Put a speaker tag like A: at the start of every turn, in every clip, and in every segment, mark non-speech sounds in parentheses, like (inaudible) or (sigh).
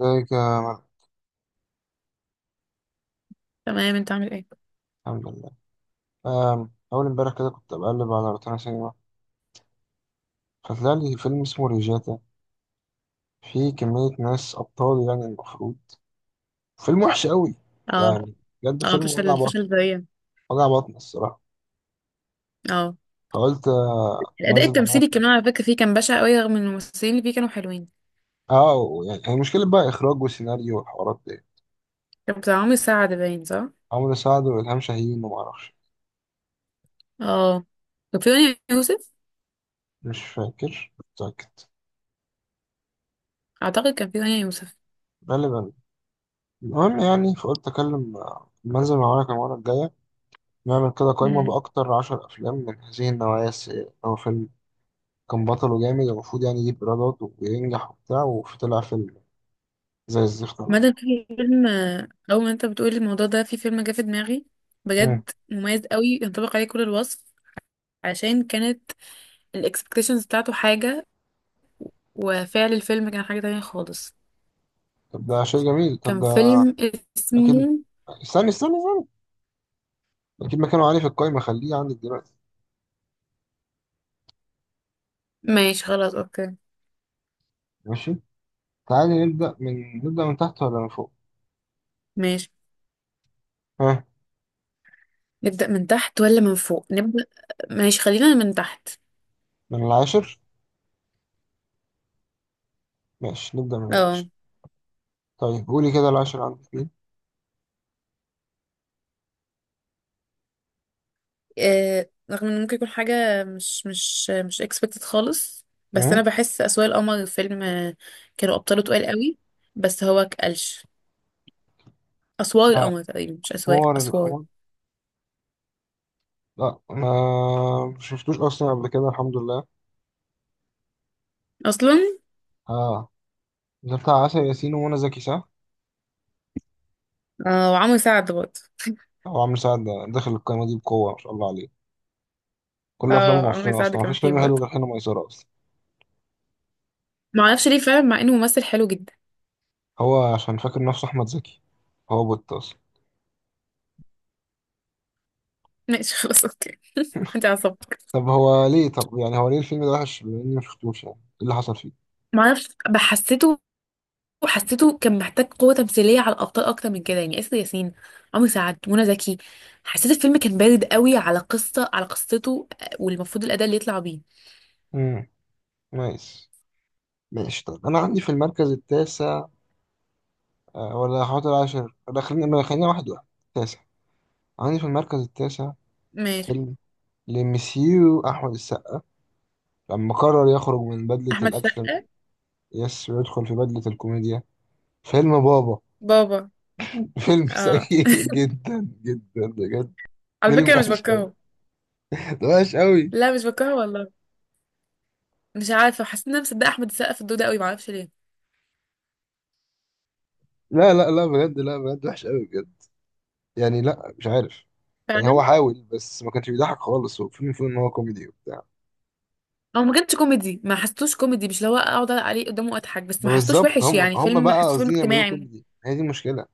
A: ازيك
B: تمام، انت عامل ايه؟
A: الحمد لله. أول امبارح كده كنت بقلب على روتانا سينما، فطلع لي فيلم اسمه ريجاتا، فيه كمية ناس أبطال يعني المفروض. فيلم وحش قوي
B: اه.
A: يعني، بجد
B: اه،
A: فيلم وجع
B: فشل،
A: بطن.
B: فشل ذريع.
A: وجع بطن الصراحة.
B: اه،
A: فقلت
B: الاداء
A: منزل معاك.
B: التمثيلي كمان على فكره فيه كان بشع قوي، رغم ان الممثلين اللي فيه كانوا حلوين.
A: اه يعني هي المشكلة بقى إخراج وسيناريو والحوارات دي.
B: كان بتاع عمرو سعد باين، صح؟
A: عمرو سعد وإلهام شاهين ومعرفش.
B: اه، كان في رانيا يوسف.
A: مش فاكر. متأكد.
B: اعتقد كان في رانيا يوسف.
A: غالبا. المهم يعني فقلت أكلم منزل معاك المرة الجاية. نعمل كده قايمة
B: امم
A: بأكتر 10 أفلام من هذه النوعية السيئة، أو فيلم كان بطل وجامد المفروض يعني يجيب ايرادات وينجح وبتاع، وفي طلع فيلم زي الزفت أوي.
B: مدى في فيلم اول ما انت بتقول الموضوع ده في فيلم جه في دماغي،
A: مم.
B: بجد مميز قوي ينطبق عليه كل الوصف، عشان كانت الاكسبكتيشنز بتاعته حاجه وفعل الفيلم كان حاجه تانية خالص.
A: طب ده شيء جميل. طب
B: كان
A: ده
B: فيلم
A: اكيد.
B: اسمه.
A: استنى استنى استنى، اكيد مكانه عالي في القايمه، خليه عندك دلوقتي.
B: ماشي خلاص، اوكي.
A: ماشي. تعالي نبدا من تحت ولا من فوق؟
B: ماشي،
A: ها.
B: نبدأ من تحت ولا من فوق؟ نبدأ، ماشي، خلينا من تحت.
A: من العاشر. ماشي نبدا من
B: اه،
A: العاشر. طيب قولي كده العاشر عندك مين؟
B: رغم ان ممكن يكون حاجة مش expected خالص، بس
A: مم.
B: انا بحس اسوار القمر فيلم. كانوا ابطاله تقال قوي، بس هو كقلش. اسوار القمر تقريبا، مش اسواق،
A: اخبار
B: اسوار.
A: القمر. لا ما شفتوش اصلا قبل كده الحمد لله.
B: اصلا
A: اه ده بتاع عسل ياسين ومنى زكي صح؟
B: اه، وعمرو سعد برضه.
A: هو عامل سعد داخل القايمه دي بقوه ما شاء الله عليه. كل افلامه
B: اه، عمرو
A: معفنه
B: سعد
A: اصلا،
B: كان
A: مفيش
B: فيه
A: فيلم حلو
B: برضه.
A: غير حين ميسره اصلا.
B: معرفش ليه فعلا، مع انه ممثل حلو جدا.
A: هو عشان فاكر نفسه احمد زكي. هو بوت اصلا.
B: (laughs) ماشي خلاص، اوكي. انت عصبك.
A: طب يعني هو ليه الفيلم ده وحش، بما اني مشفتوش؟ يعني ايه اللي حصل فيه؟
B: معرفش، بحسيته وحسيته كان محتاج قوة تمثيلية على الأبطال أكتر من كده، يعني آسر ياسين، عمرو سعد، منى زكي. حسيت الفيلم كان بارد قوي على قصة، على قصته، والمفروض الأداء اللي يطلع بيه.
A: امم نايس. ماشي طب انا عندي في المركز التاسع، ولا هحط العاشر؟ ولا خلينا ما خلينا واحد واحد. تاسع. عندي في المركز التاسع
B: ماشي.
A: فيلم لمسيو احمد السقا لما قرر يخرج من بدلة
B: احمد
A: الاكشن،
B: السقا.
A: يس، ويدخل في بدلة الكوميديا. فيلم بابا.
B: بابا.
A: فيلم (laughs)
B: اه،
A: سيء جدا جدا بجد.
B: على
A: فيلم
B: فكره مش
A: وحش،
B: بكرهه.
A: ده وحش قوي.
B: لا مش بكرهه والله. مش عارفه، حسيت ان انا مصدقه احمد السقا في الدور ده قوي، معرفش ليه.
A: لا لا لا، بجد، لا بجد وحش قوي بجد. يعني لا مش عارف. يعني
B: فعلا.
A: هو حاول بس ما كانش بيضحك خالص، هو فيلم ان هو كوميدي وبتاع.
B: هو ما كانش كوميدي، ما حسيتوش كوميدي، مش اللي هو اقعد عليه قدامه واضحك، بس ما حسيتوش
A: بالظبط،
B: وحش
A: هم
B: يعني،
A: هم
B: فيلم
A: بقى
B: حسيته فيلم
A: قاصدين يعملوه
B: اجتماعي.
A: كوميدي، هي دي المشكله.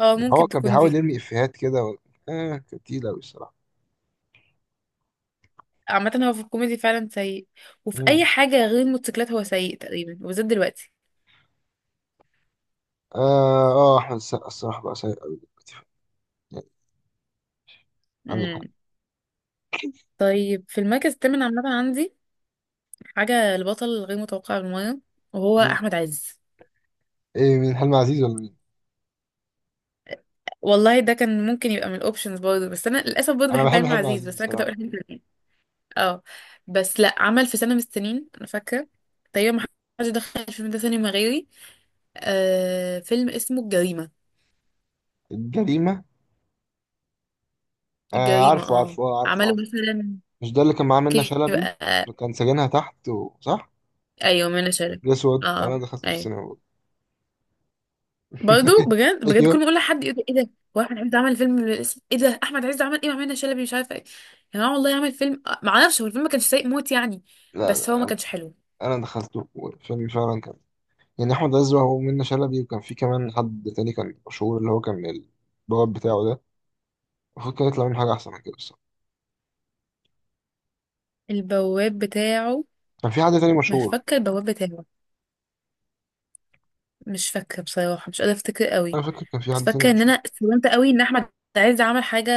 B: اه،
A: يعني هو
B: ممكن
A: كان
B: تكون
A: بيحاول
B: دي.
A: يرمي افيهات كده و... كانت تقيله قوي الصراحه.
B: عامة هو في الكوميدي فعلا سيء، وفي أي
A: مم.
B: حاجة غير الموتوسيكلات هو سيء تقريبا، وبالذات دلوقتي.
A: اه اه، احمد السقا الصراحه بقى سيء قوي دلوقتي يعني. عندك
B: امم
A: حق.
B: طيب في المركز الثامن، عامة عندي حاجة البطل الغير متوقع بالمرة، وهو
A: مين؟
B: أحمد عز.
A: ايه مين؟ حلمي عزيز ولا مين؟
B: والله ده كان ممكن يبقى من الأوبشنز برضه، بس أنا للأسف برضه
A: انا
B: بحب
A: بحب
B: علم
A: حلمي
B: عزيز،
A: عزيز
B: بس أنا كنت
A: الصراحه.
B: هقول أحمد عز. اه، بس لأ، عمل في سنة من السنين، أنا فاكرة تقريبا ما حدش دخل الفيلم ده سينما غيري، آه فيلم اسمه الجريمة.
A: الجريمه. آه
B: الجريمة،
A: عارفه
B: اه.
A: عارفه، آه عارفه
B: عمله
A: عارفه.
B: مثلا
A: مش ده اللي كان معاه منة شلبي،
B: كده.
A: وكان سجنها تحت و... صح؟
B: ايوه، منى شلبي.
A: الأسود
B: اه.
A: أنا دخلته في
B: ايوه،
A: السينما برضه.
B: برضه
A: (laughs)
B: بجد بجد، كل
A: أيوه.
B: ما اقول لحد يقول لي ايه ده؟ هو احمد عز عمل فيلم من الاسم ايه ده؟ احمد عز عمل ايه مع منى شلبي؟ مش عارفه ايه يا جماعه. والله عمل فيلم ما اعرفش، هو الفيلم ما كانش سيء موت يعني،
A: لا
B: بس هو ما
A: لا،
B: كانش حلو.
A: أنا دخلته والفيلم فعلا كان، يعني أحمد عز وهو منة شلبي، وكان في كمان حد تاني كان مشهور اللي هو كان البواب بتاعه ده. المفروض كان يطلع منه حاجة أحسن من كده بصراحة.
B: البواب بتاعه.
A: كان في حد تاني
B: مش
A: مشهور.
B: فاكره البواب بتاعه، مش فاكره بصراحه، مش قادره افتكر قوي،
A: أنا فاكر كان في
B: بس
A: حد تاني
B: فاكره ان انا
A: مشهور.
B: استلمت قوي ان احمد عز عمل حاجه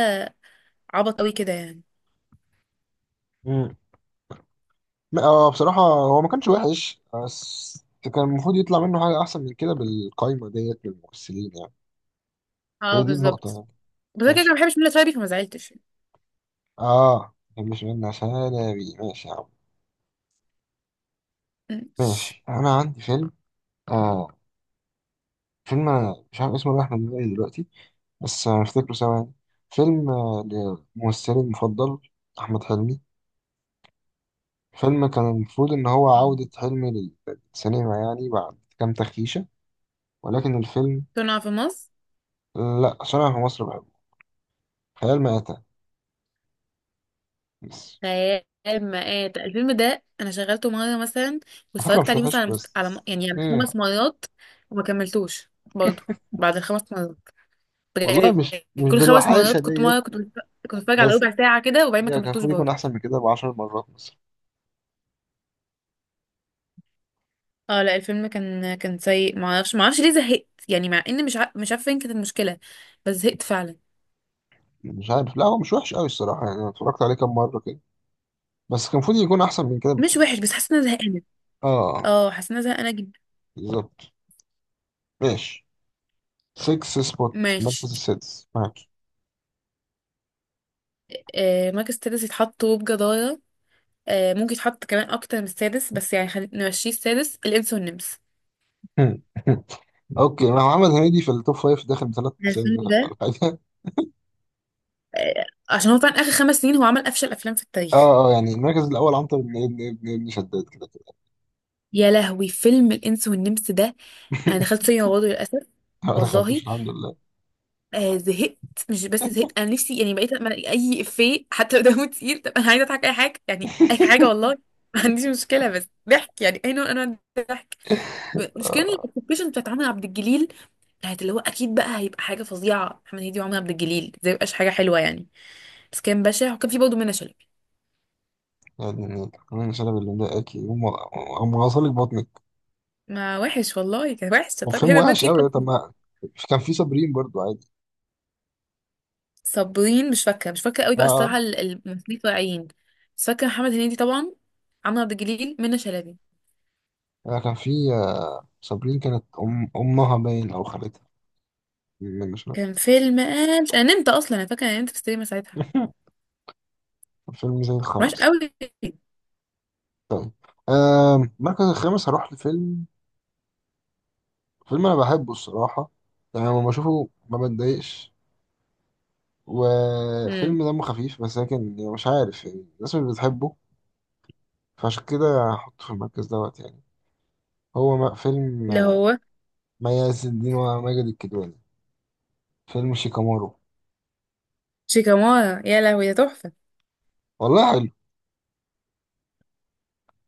B: عبط قوي كده يعني.
A: امم لا، بصراحة هو ما كانش وحش، بس كان المفروض يطلع منه حاجة أحسن من كده بالقايمة ديت من الممثلين يعني.
B: اه
A: هي دي النقطة
B: بالظبط.
A: يعني.
B: بس انا كده كده
A: ماشي،
B: ما بحبش منى شلبي، فما زعلتش.
A: مش منة شلبي، ماشي يا عم. ماشي. أنا عندي فيلم آه مش عارف اسمه، رايح من دماغي دلوقتي، بس هنفتكره سوا يعني. فيلم لممثلي المفضل أحمد حلمي. فيلم كان المفروض إن هو عودة
B: مم.
A: حلمي للسينما، يعني بعد كام تخيشة. ولكن الفيلم،
B: كنا في مصر.
A: لأ عشان أنا في مصر بحبه، خيال مآتة بس.
B: خيال. مآت الفيلم ده انا شغلته مره مثلا،
A: على فكرة
B: واتفرجت
A: مش
B: عليه مثلا
A: وحش
B: على مست... على م-
A: بس.
B: يعني على
A: إيه؟
B: خمس مرات، وما كملتوش برضه بعد الخمس مرات،
A: والله
B: بجد
A: مش
B: يعني.
A: مش
B: كل خمس
A: بالوحاشة
B: مرات كنت،
A: ديت.
B: مره كنت بتفرج على
A: بس
B: ربع ساعه كده، وبعدين ما
A: يعني كان
B: كملتوش
A: المفروض يكون
B: برضه.
A: أحسن من كده ب10 مرات مثلا.
B: اه لا، الفيلم كان سيء، ما اعرفش، ما اعرفش ليه زهقت يعني، مع ان مش عارفه فين كانت المشكله، بس زهقت فعلا.
A: مش عارف، لا هو مش وحش أوي الصراحة، يعني أنا اتفرجت عليه كام مرة كده، بس كان المفروض يكون أحسن من كده
B: مش
A: بكتير.
B: وحش، بس حاسه ان انا زهقانه.
A: آه
B: اه، حاسه ان انا زهقانه جدا.
A: بالظبط. ماشي. 6 سبوت،
B: ماشي.
A: المركز السادس معاك.
B: آه، مركز السادس يتحط وبجدارة. آه، ممكن يتحط كمان اكتر من السادس، بس يعني خلينا نمشيه السادس، الانس والنمس.
A: (laughs) اوكي، ما هو محمد هنيدي في التوب فايف داخل بثلاث اسامي
B: الفيلم
A: مثلاً ولا
B: ده
A: حاجه.
B: آه، عشان هو فعلا اخر خمس سنين هو عمل افشل افلام في التاريخ.
A: اه اه يعني المركز الاول عنتر بن ابن ابن ابن شداد، كده كده.
B: يا لهوي، فيلم الانس والنمس ده انا دخلت سينما برضه للاسف.
A: (laughs) ما
B: والله،
A: دخلتوش الحمد لله.
B: آه زهقت، مش بس زهقت، انا نفسي يعني بقيت أما ألاقي اي افيه حتى لو دمه تقيل، طب انا عايزه اضحك اي حاجه، يعني اي حاجه والله. (laughs) ما عنديش مشكله، بس ضحك، يعني اي نوع من انواع الضحك. مشكله الابلكيشن بتاعت عمرو عبد الجليل كانت اللي هو اكيد بقى هيبقى حاجه فظيعه، محمد هنيدي وعمر عبد الجليل زي مبقاش حاجه حلوه يعني، بس كان بشع. وكان في برضه منى شلبي.
A: يعني كمان شلب اللي مضايقاكي، هم غسل لك بطنك.
B: ما وحش والله، كان وحش، طب
A: وفيلم
B: هنا ما
A: وحش
B: تقيل
A: قوي. طب
B: اصلا.
A: ما كان في صابرين برضو عادي.
B: صابرين، مش فاكره قوي بقى
A: اه
B: الصراحه، الممثلين الطالعين، بس فاكره محمد هنيدي طبعا، عمرو عبد الجليل، منى شلبي.
A: اه، كان في صابرين كانت أم امها باين او خالتها، مش فاكر.
B: كان فيلم قال، انا نمت اصلا، انا فاكره انا نمت في السينما ساعتها.
A: (laughs) فيلم زي
B: وحش
A: الخرس.
B: قوي.
A: طيب. المركز الخامس هروح لفيلم. فيلم انا بحبه الصراحه، يعني لما بشوفه ما بتضايقش،
B: امم
A: وفيلم دمه خفيف بس، لكن يعني مش عارف يعني الناس مش بتحبه. فعشان كده هحطه في المركز دوت يعني. هو فيلم
B: اللي هو.
A: ما يعز الدين وماجد الكدواني، فيلم شيكامارو.
B: شيكامارا، يا لهوي ده تحفه،
A: والله حلو.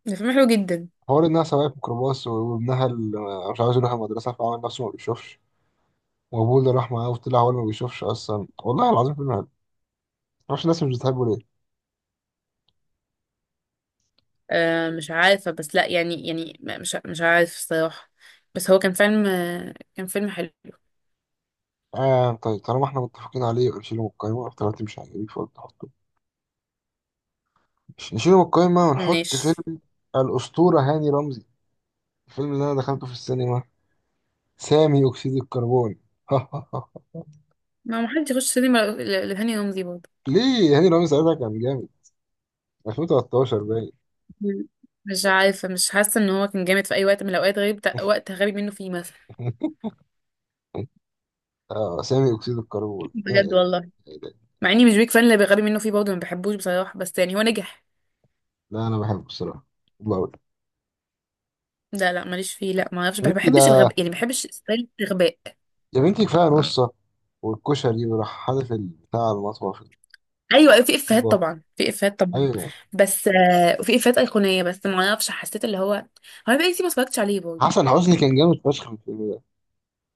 B: ده فيلم حلو جدا.
A: حوار انها سواقة ميكروباص، وابنها اللي مش عاوز يروح المدرسه فعمل نفسه ما بيشوفش، وابوه اللي راح معاه وطلع هو اللي ما بيشوفش اصلا، والله العظيم فيلم حلو. معرفش الناس مش بتحبه ليه.
B: مش عارفة، بس لا يعني يعني مش عارف الصراحة، بس هو كان فيلم كان فيلم حلو.
A: طيب طالما احنا متفقين عليه يبقى نشيله من القايمه، طالما انت مش عاجبك فقلت مش نشيله من القايمة، ونحط
B: ماشي.
A: فيلم الأسطورة هاني رمزي، الفيلم اللي أنا دخلته في السينما، سامي أكسيد الكربون. (laughs)
B: ما محدش يخش سينما لهاني رمزي برضه.
A: ليه هاني رمزي ساعتها كان جامد، 2013 باين.
B: مم. مش عارفة، مش حاسة ان هو كان جامد في اي وقت من الاوقات، غير وقت غبي منه فيه مثلا.
A: (laughs) آه سامي أكسيد الكربون، يا
B: بجد
A: إلهي.
B: والله.
A: يا إلهي.
B: مع اني مش بيك فان، اللي غبي منه فيه برضه ما بحبوش بصراحة، بس يعني هو نجح.
A: لا أنا بحبه الصراحة، بحبه أوي.
B: لا لا، ماليش فيه، لا، ما اعرفش،
A: يا
B: ما
A: بنتي
B: بحبش
A: ده،
B: الغباء يعني، ما بحبش ستايل الغباء.
A: يا بنتي كفاية نصة والكشري وراح حادف بتاع المطبخ
B: ايوه، أيوة، في افيهات
A: الطيبة.
B: طبعا، في افيهات طبعا،
A: أيوه.
B: بس آه. وفي افيهات ايقونيه، بس ما اعرفش، حسيت اللي هو، هو بقى كتير ما اتفرجتش عليه برضه.
A: حسن حسني كان جامد فشخ في الفيلم ده.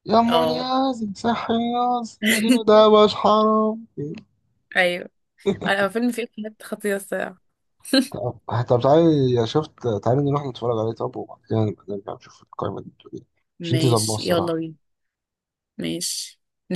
A: يا مولي
B: اه.
A: يا زي صحي، يا زي، يا دينو
B: (laughs)
A: ده. مش حرام.
B: ايوه، انا هو فيلم فيه افيهات خطيره الصراحه. (laughs)
A: طب طب تعالي، يا شفت تعالي نروح نتفرج عليه، طب وبعد كده نبقى نرجع نشوف القايمة دي بتقول ايه. مش انتي ظلمة
B: ماشي يلا
A: الصراحة.
B: بينا. ماشي.